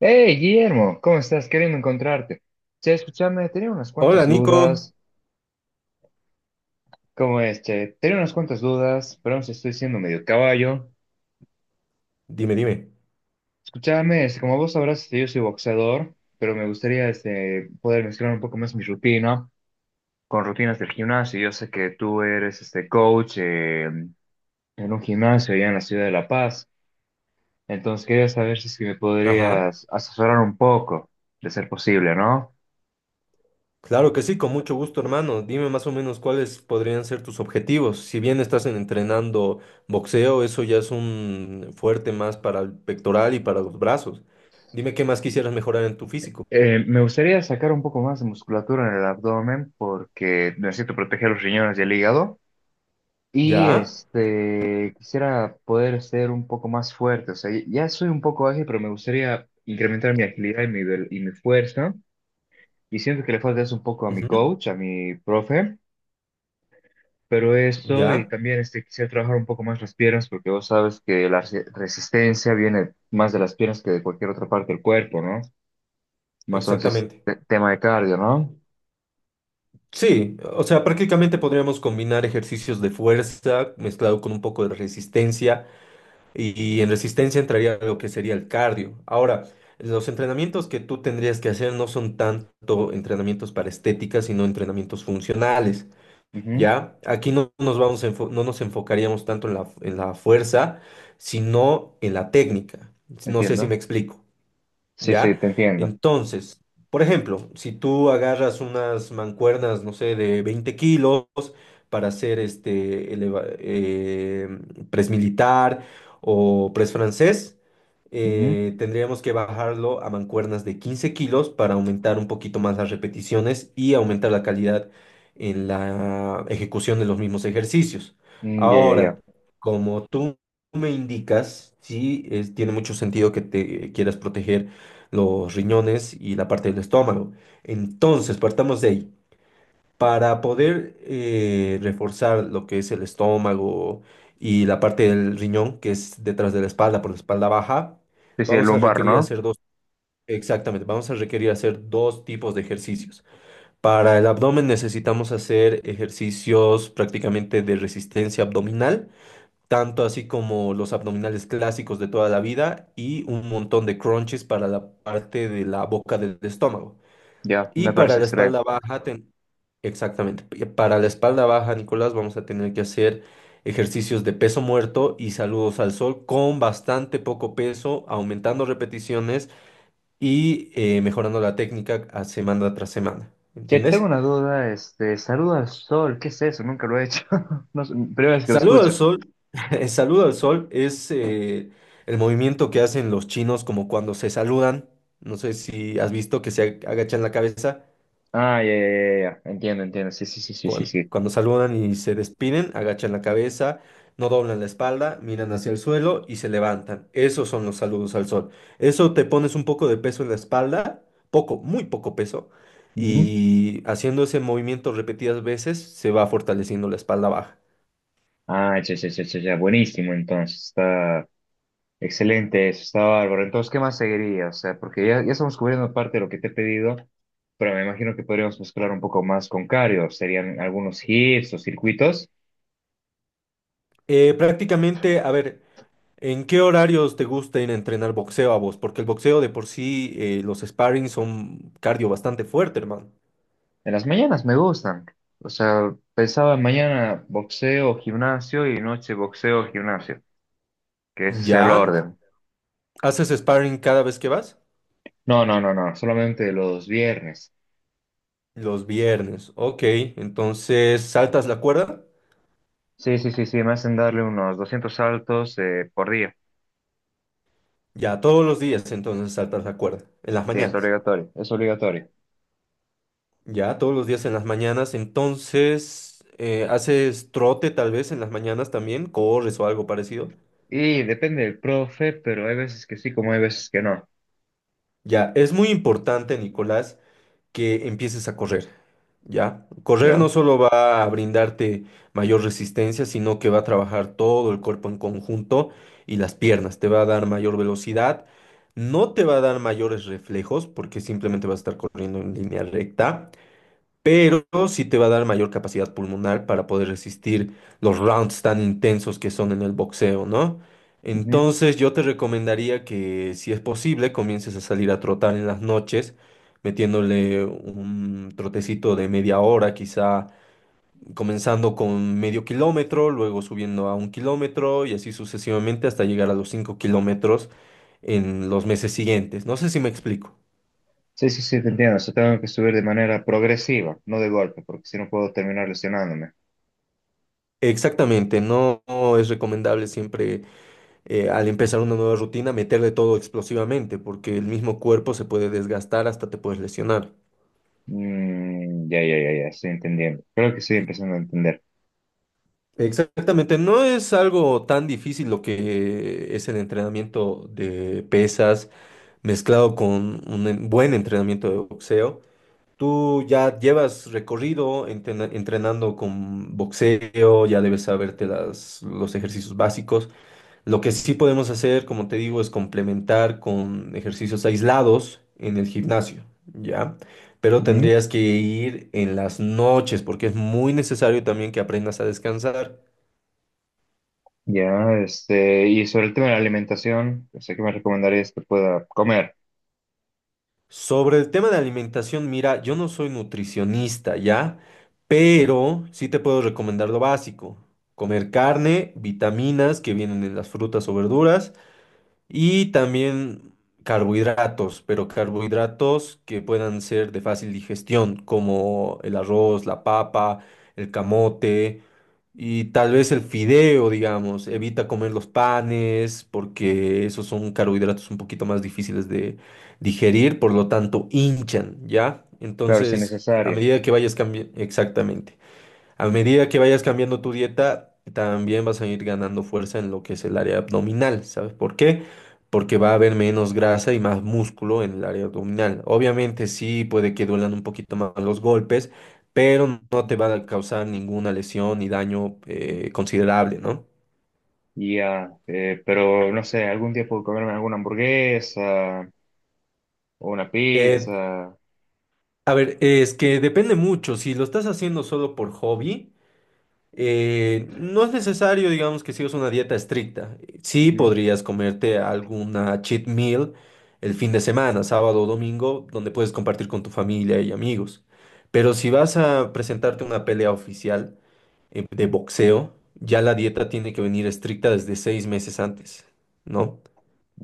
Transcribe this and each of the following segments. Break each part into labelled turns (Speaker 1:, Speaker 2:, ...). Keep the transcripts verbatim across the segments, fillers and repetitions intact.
Speaker 1: Hey, Guillermo, ¿cómo estás? Queriendo encontrarte. Che, escúchame, tenía unas cuantas
Speaker 2: Hola Nico,
Speaker 1: dudas. ¿Cómo es, che? Tenía unas cuantas dudas, pero aún estoy siendo medio caballo.
Speaker 2: dime, dime.
Speaker 1: Escúchame, este, como vos sabrás, este, yo soy boxeador, pero me gustaría este, poder mezclar un poco más mi rutina con rutinas del gimnasio. Yo sé que tú eres este coach eh, en un gimnasio allá en la ciudad de La Paz, entonces quería saber si es que me
Speaker 2: Ajá,
Speaker 1: podrías asesorar un poco, de ser posible, ¿no?
Speaker 2: claro que sí, con mucho gusto hermano. Dime más o menos cuáles podrían ser tus objetivos. Si bien estás entrenando boxeo, eso ya es un fuerte más para el pectoral y para los brazos. Dime qué más quisieras mejorar en tu físico.
Speaker 1: Eh, me gustaría sacar un poco más de musculatura en el abdomen porque necesito proteger los riñones y el hígado. Y
Speaker 2: Ya,
Speaker 1: este, quisiera poder ser un poco más fuerte. O sea, ya soy un poco ágil, pero me gustaría incrementar mi agilidad y mi, vel- y mi fuerza. Y siento que le falta eso un poco a mi
Speaker 2: ujú,
Speaker 1: coach, a mi profe. Pero esto, y
Speaker 2: ya,
Speaker 1: también este, quisiera trabajar un poco más las piernas porque vos sabes que la resi- resistencia viene más de las piernas que de cualquier otra parte del cuerpo, ¿no? Más entonces,
Speaker 2: exactamente.
Speaker 1: te- tema de cardio, no
Speaker 2: Sí, o sea, prácticamente podríamos combinar ejercicios de fuerza mezclado con un poco de resistencia. y y en resistencia entraría lo que sería el cardio. Ahora, los entrenamientos que tú tendrías que hacer no son tanto entrenamientos para estética, sino entrenamientos funcionales, ¿ya? Aquí no nos vamos a enfo- no nos enfocaríamos tanto en la, en la fuerza, sino en la técnica. No sé si me
Speaker 1: entiendo.
Speaker 2: explico.
Speaker 1: Sí, sí,
Speaker 2: ¿Ya?
Speaker 1: te entiendo.
Speaker 2: Entonces, por ejemplo, si tú agarras unas mancuernas, no sé, de veinte kilos para hacer este eleva- eh, press militar o press francés,
Speaker 1: Ujú.
Speaker 2: eh, tendríamos que bajarlo a mancuernas de quince kilos para aumentar un poquito más las repeticiones y aumentar la calidad en la ejecución de los mismos ejercicios.
Speaker 1: Mm, ya, ya,
Speaker 2: Ahora,
Speaker 1: ya.
Speaker 2: como tú me indicas, sí es- tiene mucho sentido que te quieras proteger los riñones y la parte del estómago. Entonces, partamos de ahí. Para poder eh, reforzar lo que es el estómago y la parte del riñón, que es detrás de la espalda, por la espalda baja,
Speaker 1: Sí, sí, el
Speaker 2: vamos a
Speaker 1: lumbar,
Speaker 2: requerir
Speaker 1: ¿no?
Speaker 2: hacer dos, exactamente, vamos a requerir hacer dos tipos de ejercicios. Para el abdomen necesitamos hacer ejercicios prácticamente de resistencia abdominal tanto así como los abdominales clásicos de toda la vida y un montón de crunches para la parte de la boca del estómago.
Speaker 1: Ya,
Speaker 2: Y
Speaker 1: me
Speaker 2: para
Speaker 1: parece
Speaker 2: la espalda
Speaker 1: excelente.
Speaker 2: baja, ten- exactamente, y para la espalda baja, Nicolás, vamos a tener que hacer ejercicios de peso muerto y saludos al sol con bastante poco peso, aumentando repeticiones y eh, mejorando la técnica a semana tras semana.
Speaker 1: Che, tengo
Speaker 2: ¿Entiendes?
Speaker 1: una duda, este, saluda al sol, ¿qué es eso? Nunca lo he hecho. No sé, primera vez que lo
Speaker 2: Saludo al
Speaker 1: escucho.
Speaker 2: sol. El saludo al sol es eh, el movimiento que hacen los chinos como cuando se saludan. No sé si has visto que se ag- agachan la cabeza.
Speaker 1: Ah, ya, ya, ya, ya. Entiendo, entiendo. Sí, sí, sí, sí, sí,
Speaker 2: cuan-
Speaker 1: sí.
Speaker 2: Cuando saludan y se despiden, agachan la cabeza, no doblan la espalda, miran hacia el suelo y se levantan. Esos son los saludos al sol. Eso te pones un poco de peso en la espalda, poco, muy poco peso,
Speaker 1: Ujú.
Speaker 2: y haciendo ese movimiento repetidas veces se va fortaleciendo la espalda baja.
Speaker 1: Ah, ya, ya, ya, ya, ya. Buenísimo, entonces. Está excelente eso, está bárbaro. Entonces, ¿qué más seguiría? O sea, porque ya, ya estamos cubriendo parte de lo que te he pedido, pero me imagino que podríamos mezclar un poco más con cardio. Serían algunos hits o circuitos.
Speaker 2: Eh, prácticamente, a ver. ¿En qué horarios te gusta ir a entrenar boxeo a vos? Porque el boxeo de por sí, eh, los sparring son cardio bastante fuerte, hermano.
Speaker 1: En las mañanas me gustan. O sea, pensaba mañana boxeo, gimnasio y noche boxeo, gimnasio, que ese sea el
Speaker 2: ¿Ya?
Speaker 1: orden.
Speaker 2: ¿Haces sparring cada vez que vas?
Speaker 1: No, no, no, no, solamente los viernes.
Speaker 2: Los viernes. Ok, entonces saltas la cuerda.
Speaker 1: Sí, sí, sí, sí, me hacen darle unos doscientos saltos eh, por día.
Speaker 2: Ya, todos los días entonces saltas la cuerda. En las
Speaker 1: Sí, es
Speaker 2: mañanas.
Speaker 1: obligatorio, es obligatorio.
Speaker 2: Ya, todos los días en las mañanas. Entonces, eh, haces trote tal vez en las mañanas también. Corres o algo parecido.
Speaker 1: Y depende del profe, pero hay veces que sí, como hay veces que no.
Speaker 2: Ya, es muy importante, Nicolás, que empieces a correr. ¿Ya? Correr no
Speaker 1: ¿Ya?
Speaker 2: solo va a brindarte mayor resistencia, sino que va a trabajar todo el cuerpo en conjunto y las piernas, te va a dar mayor velocidad, no te va a dar mayores reflejos porque simplemente vas a estar corriendo en línea recta, pero sí te va a dar mayor capacidad pulmonar para poder resistir los rounds tan intensos que son en el boxeo, ¿no?
Speaker 1: Ujú.
Speaker 2: Entonces yo te recomendaría que si es posible comiences a salir a trotar en las noches, metiéndole un trotecito de media hora, quizá comenzando con medio kilómetro, luego subiendo a un kilómetro y así sucesivamente hasta llegar a los cinco kilómetros en los meses siguientes. No sé si me explico.
Speaker 1: Sí, sí, sí, te entiendo. O sea, tengo que subir de manera progresiva, no de golpe, porque si no puedo terminar lesionándome.
Speaker 2: Exactamente, no no es recomendable siempre eh, al empezar una nueva rutina, meterle todo explosivamente, porque el mismo cuerpo se puede desgastar hasta te puedes lesionar.
Speaker 1: Mm, ya, ya, ya, ya, estoy entendiendo. Creo que estoy empezando a entender.
Speaker 2: Exactamente, no es algo tan difícil lo que es el entrenamiento de pesas mezclado con un en- buen entrenamiento de boxeo. Tú ya llevas recorrido entrena- entrenando con boxeo, ya debes saberte las, los ejercicios básicos. Lo que sí podemos hacer, como te digo, es complementar con ejercicios aislados en el gimnasio, ¿ya? Pero
Speaker 1: Ujú.
Speaker 2: tendrías que ir en las noches porque es muy necesario también que aprendas a descansar.
Speaker 1: Ya, este, y sobre el tema de la alimentación, sé que me recomendarías que pueda comer,
Speaker 2: Sobre el tema de alimentación, mira, yo no soy nutricionista, ¿ya? Pero sí te puedo recomendar lo básico. Comer carne, vitaminas que vienen en las frutas o verduras. Y también carbohidratos, pero carbohidratos que puedan ser de fácil digestión, como el arroz, la papa, el camote y tal vez el fideo, digamos. Evita comer los panes porque esos son carbohidratos un poquito más difíciles de digerir, por lo tanto hinchan, ¿ya?
Speaker 1: claro, si
Speaker 2: Entonces, a
Speaker 1: necesario.
Speaker 2: medida que vayas cambiando, exactamente. A medida que vayas cambiando tu dieta, también vas a ir ganando fuerza en lo que es el área abdominal. ¿Sabes por qué? Porque va a haber menos grasa y más músculo en el área abdominal. Obviamente sí puede que duelan un poquito más los golpes, pero no te
Speaker 1: Ujú.
Speaker 2: va a causar ninguna lesión ni daño eh, considerable, ¿no?
Speaker 1: Y ya, eh, pero no sé, algún día puedo comerme alguna hamburguesa o una
Speaker 2: Eh,
Speaker 1: pizza.
Speaker 2: a ver, es que depende mucho. Si lo estás haciendo solo por hobby. Eh, no es necesario, digamos, que sigas una dieta estricta. Sí
Speaker 1: Ujú,
Speaker 2: podrías comerte alguna cheat meal el fin de semana, sábado o domingo, donde puedes compartir con tu familia y amigos. Pero si vas a presentarte una pelea oficial, eh, de boxeo, ya la dieta tiene que venir estricta desde seis meses antes, ¿no?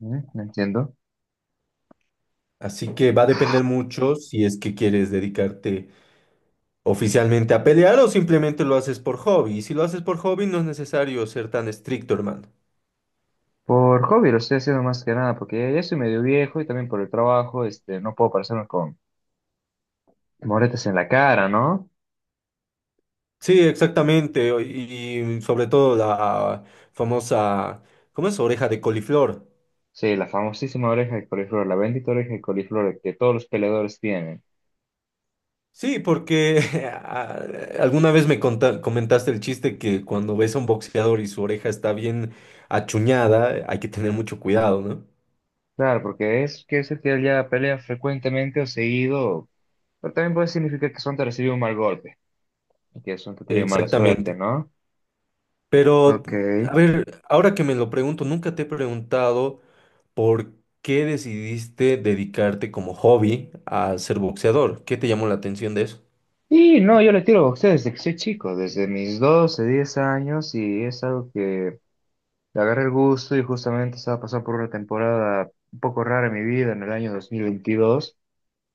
Speaker 1: ujú, no entiendo.
Speaker 2: Así que va a depender mucho si es que quieres dedicarte oficialmente a pelear o simplemente lo haces por hobby. Y si lo haces por hobby, no es necesario ser tan estricto, hermano.
Speaker 1: Por hobby lo estoy haciendo más que nada, porque ya soy medio viejo y también por el trabajo, este, no puedo parecerme con moretes en la cara, ¿no?
Speaker 2: Sí, exactamente. o- Y, y sobre todo la famosa, ¿cómo es? Oreja de coliflor.
Speaker 1: Sí, la famosísima oreja de coliflor, la bendita oreja de coliflor que todos los peleadores tienen.
Speaker 2: Sí, porque a- alguna vez me conta- comentaste el chiste que cuando ves a un boxeador y su oreja está bien achuñada, hay que tener mucho cuidado, ¿no?
Speaker 1: Claro, porque es que ese que ya pelea frecuentemente o seguido, pero también puede significar que Sonta recibió un mal golpe y que Sonta ha tenido mala suerte,
Speaker 2: Exactamente.
Speaker 1: ¿no?
Speaker 2: Pero,
Speaker 1: Ok,
Speaker 2: a ver, ahora que me lo pregunto, nunca te he preguntado por qué decidiste dedicarte como hobby a ser boxeador. ¿Qué te llamó la atención de eso?
Speaker 1: y no, yo le tiro boxeo desde que soy chico, desde mis doce diez años, y es algo que le agarré el gusto y justamente estaba pasando por una temporada un poco rara en mi vida en el año dos mil veintidós,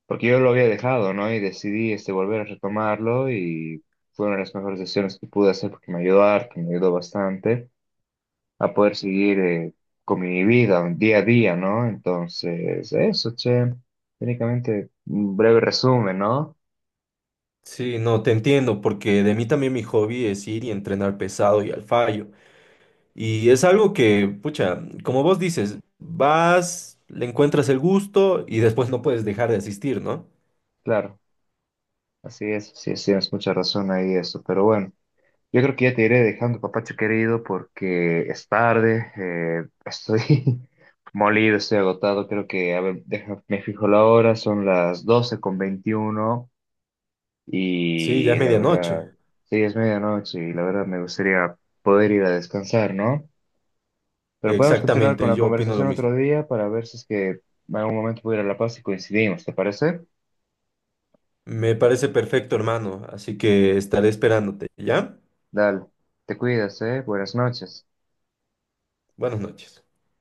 Speaker 1: porque yo lo había dejado, ¿no? Y decidí este, volver a retomarlo y fue una de las mejores decisiones que pude hacer porque me ayudó harto, me ayudó bastante a poder seguir eh, con mi vida un día a día, ¿no? Entonces, eso, che, técnicamente un breve resumen, ¿no?
Speaker 2: Sí, no, te entiendo, porque de mí también mi hobby es ir y entrenar pesado y al fallo. Y es algo que, pucha, como vos dices, vas, le encuentras el gusto y después no puedes dejar de asistir, ¿no?
Speaker 1: Claro, así es, sí, sí, tienes mucha razón ahí eso, pero bueno, yo creo que ya te iré dejando, papacho querido, porque es tarde, eh, estoy molido, estoy agotado, creo que, a ver, deja- me fijo la hora, son las doce con veintiuno
Speaker 2: Sí, ya
Speaker 1: y
Speaker 2: es
Speaker 1: la verdad,
Speaker 2: medianoche.
Speaker 1: sí, es medianoche y la verdad me gustaría poder ir a descansar, ¿no? Pero podemos continuar con
Speaker 2: Exactamente,
Speaker 1: la
Speaker 2: yo opino lo
Speaker 1: conversación
Speaker 2: mismo.
Speaker 1: otro día para ver si es que en algún momento pudiera ir a La Paz y coincidimos, ¿te parece?
Speaker 2: Me parece perfecto, hermano, así que estaré esperándote, ¿ya?
Speaker 1: Dale, te cuidas, ¿eh? Buenas noches.
Speaker 2: Buenas noches.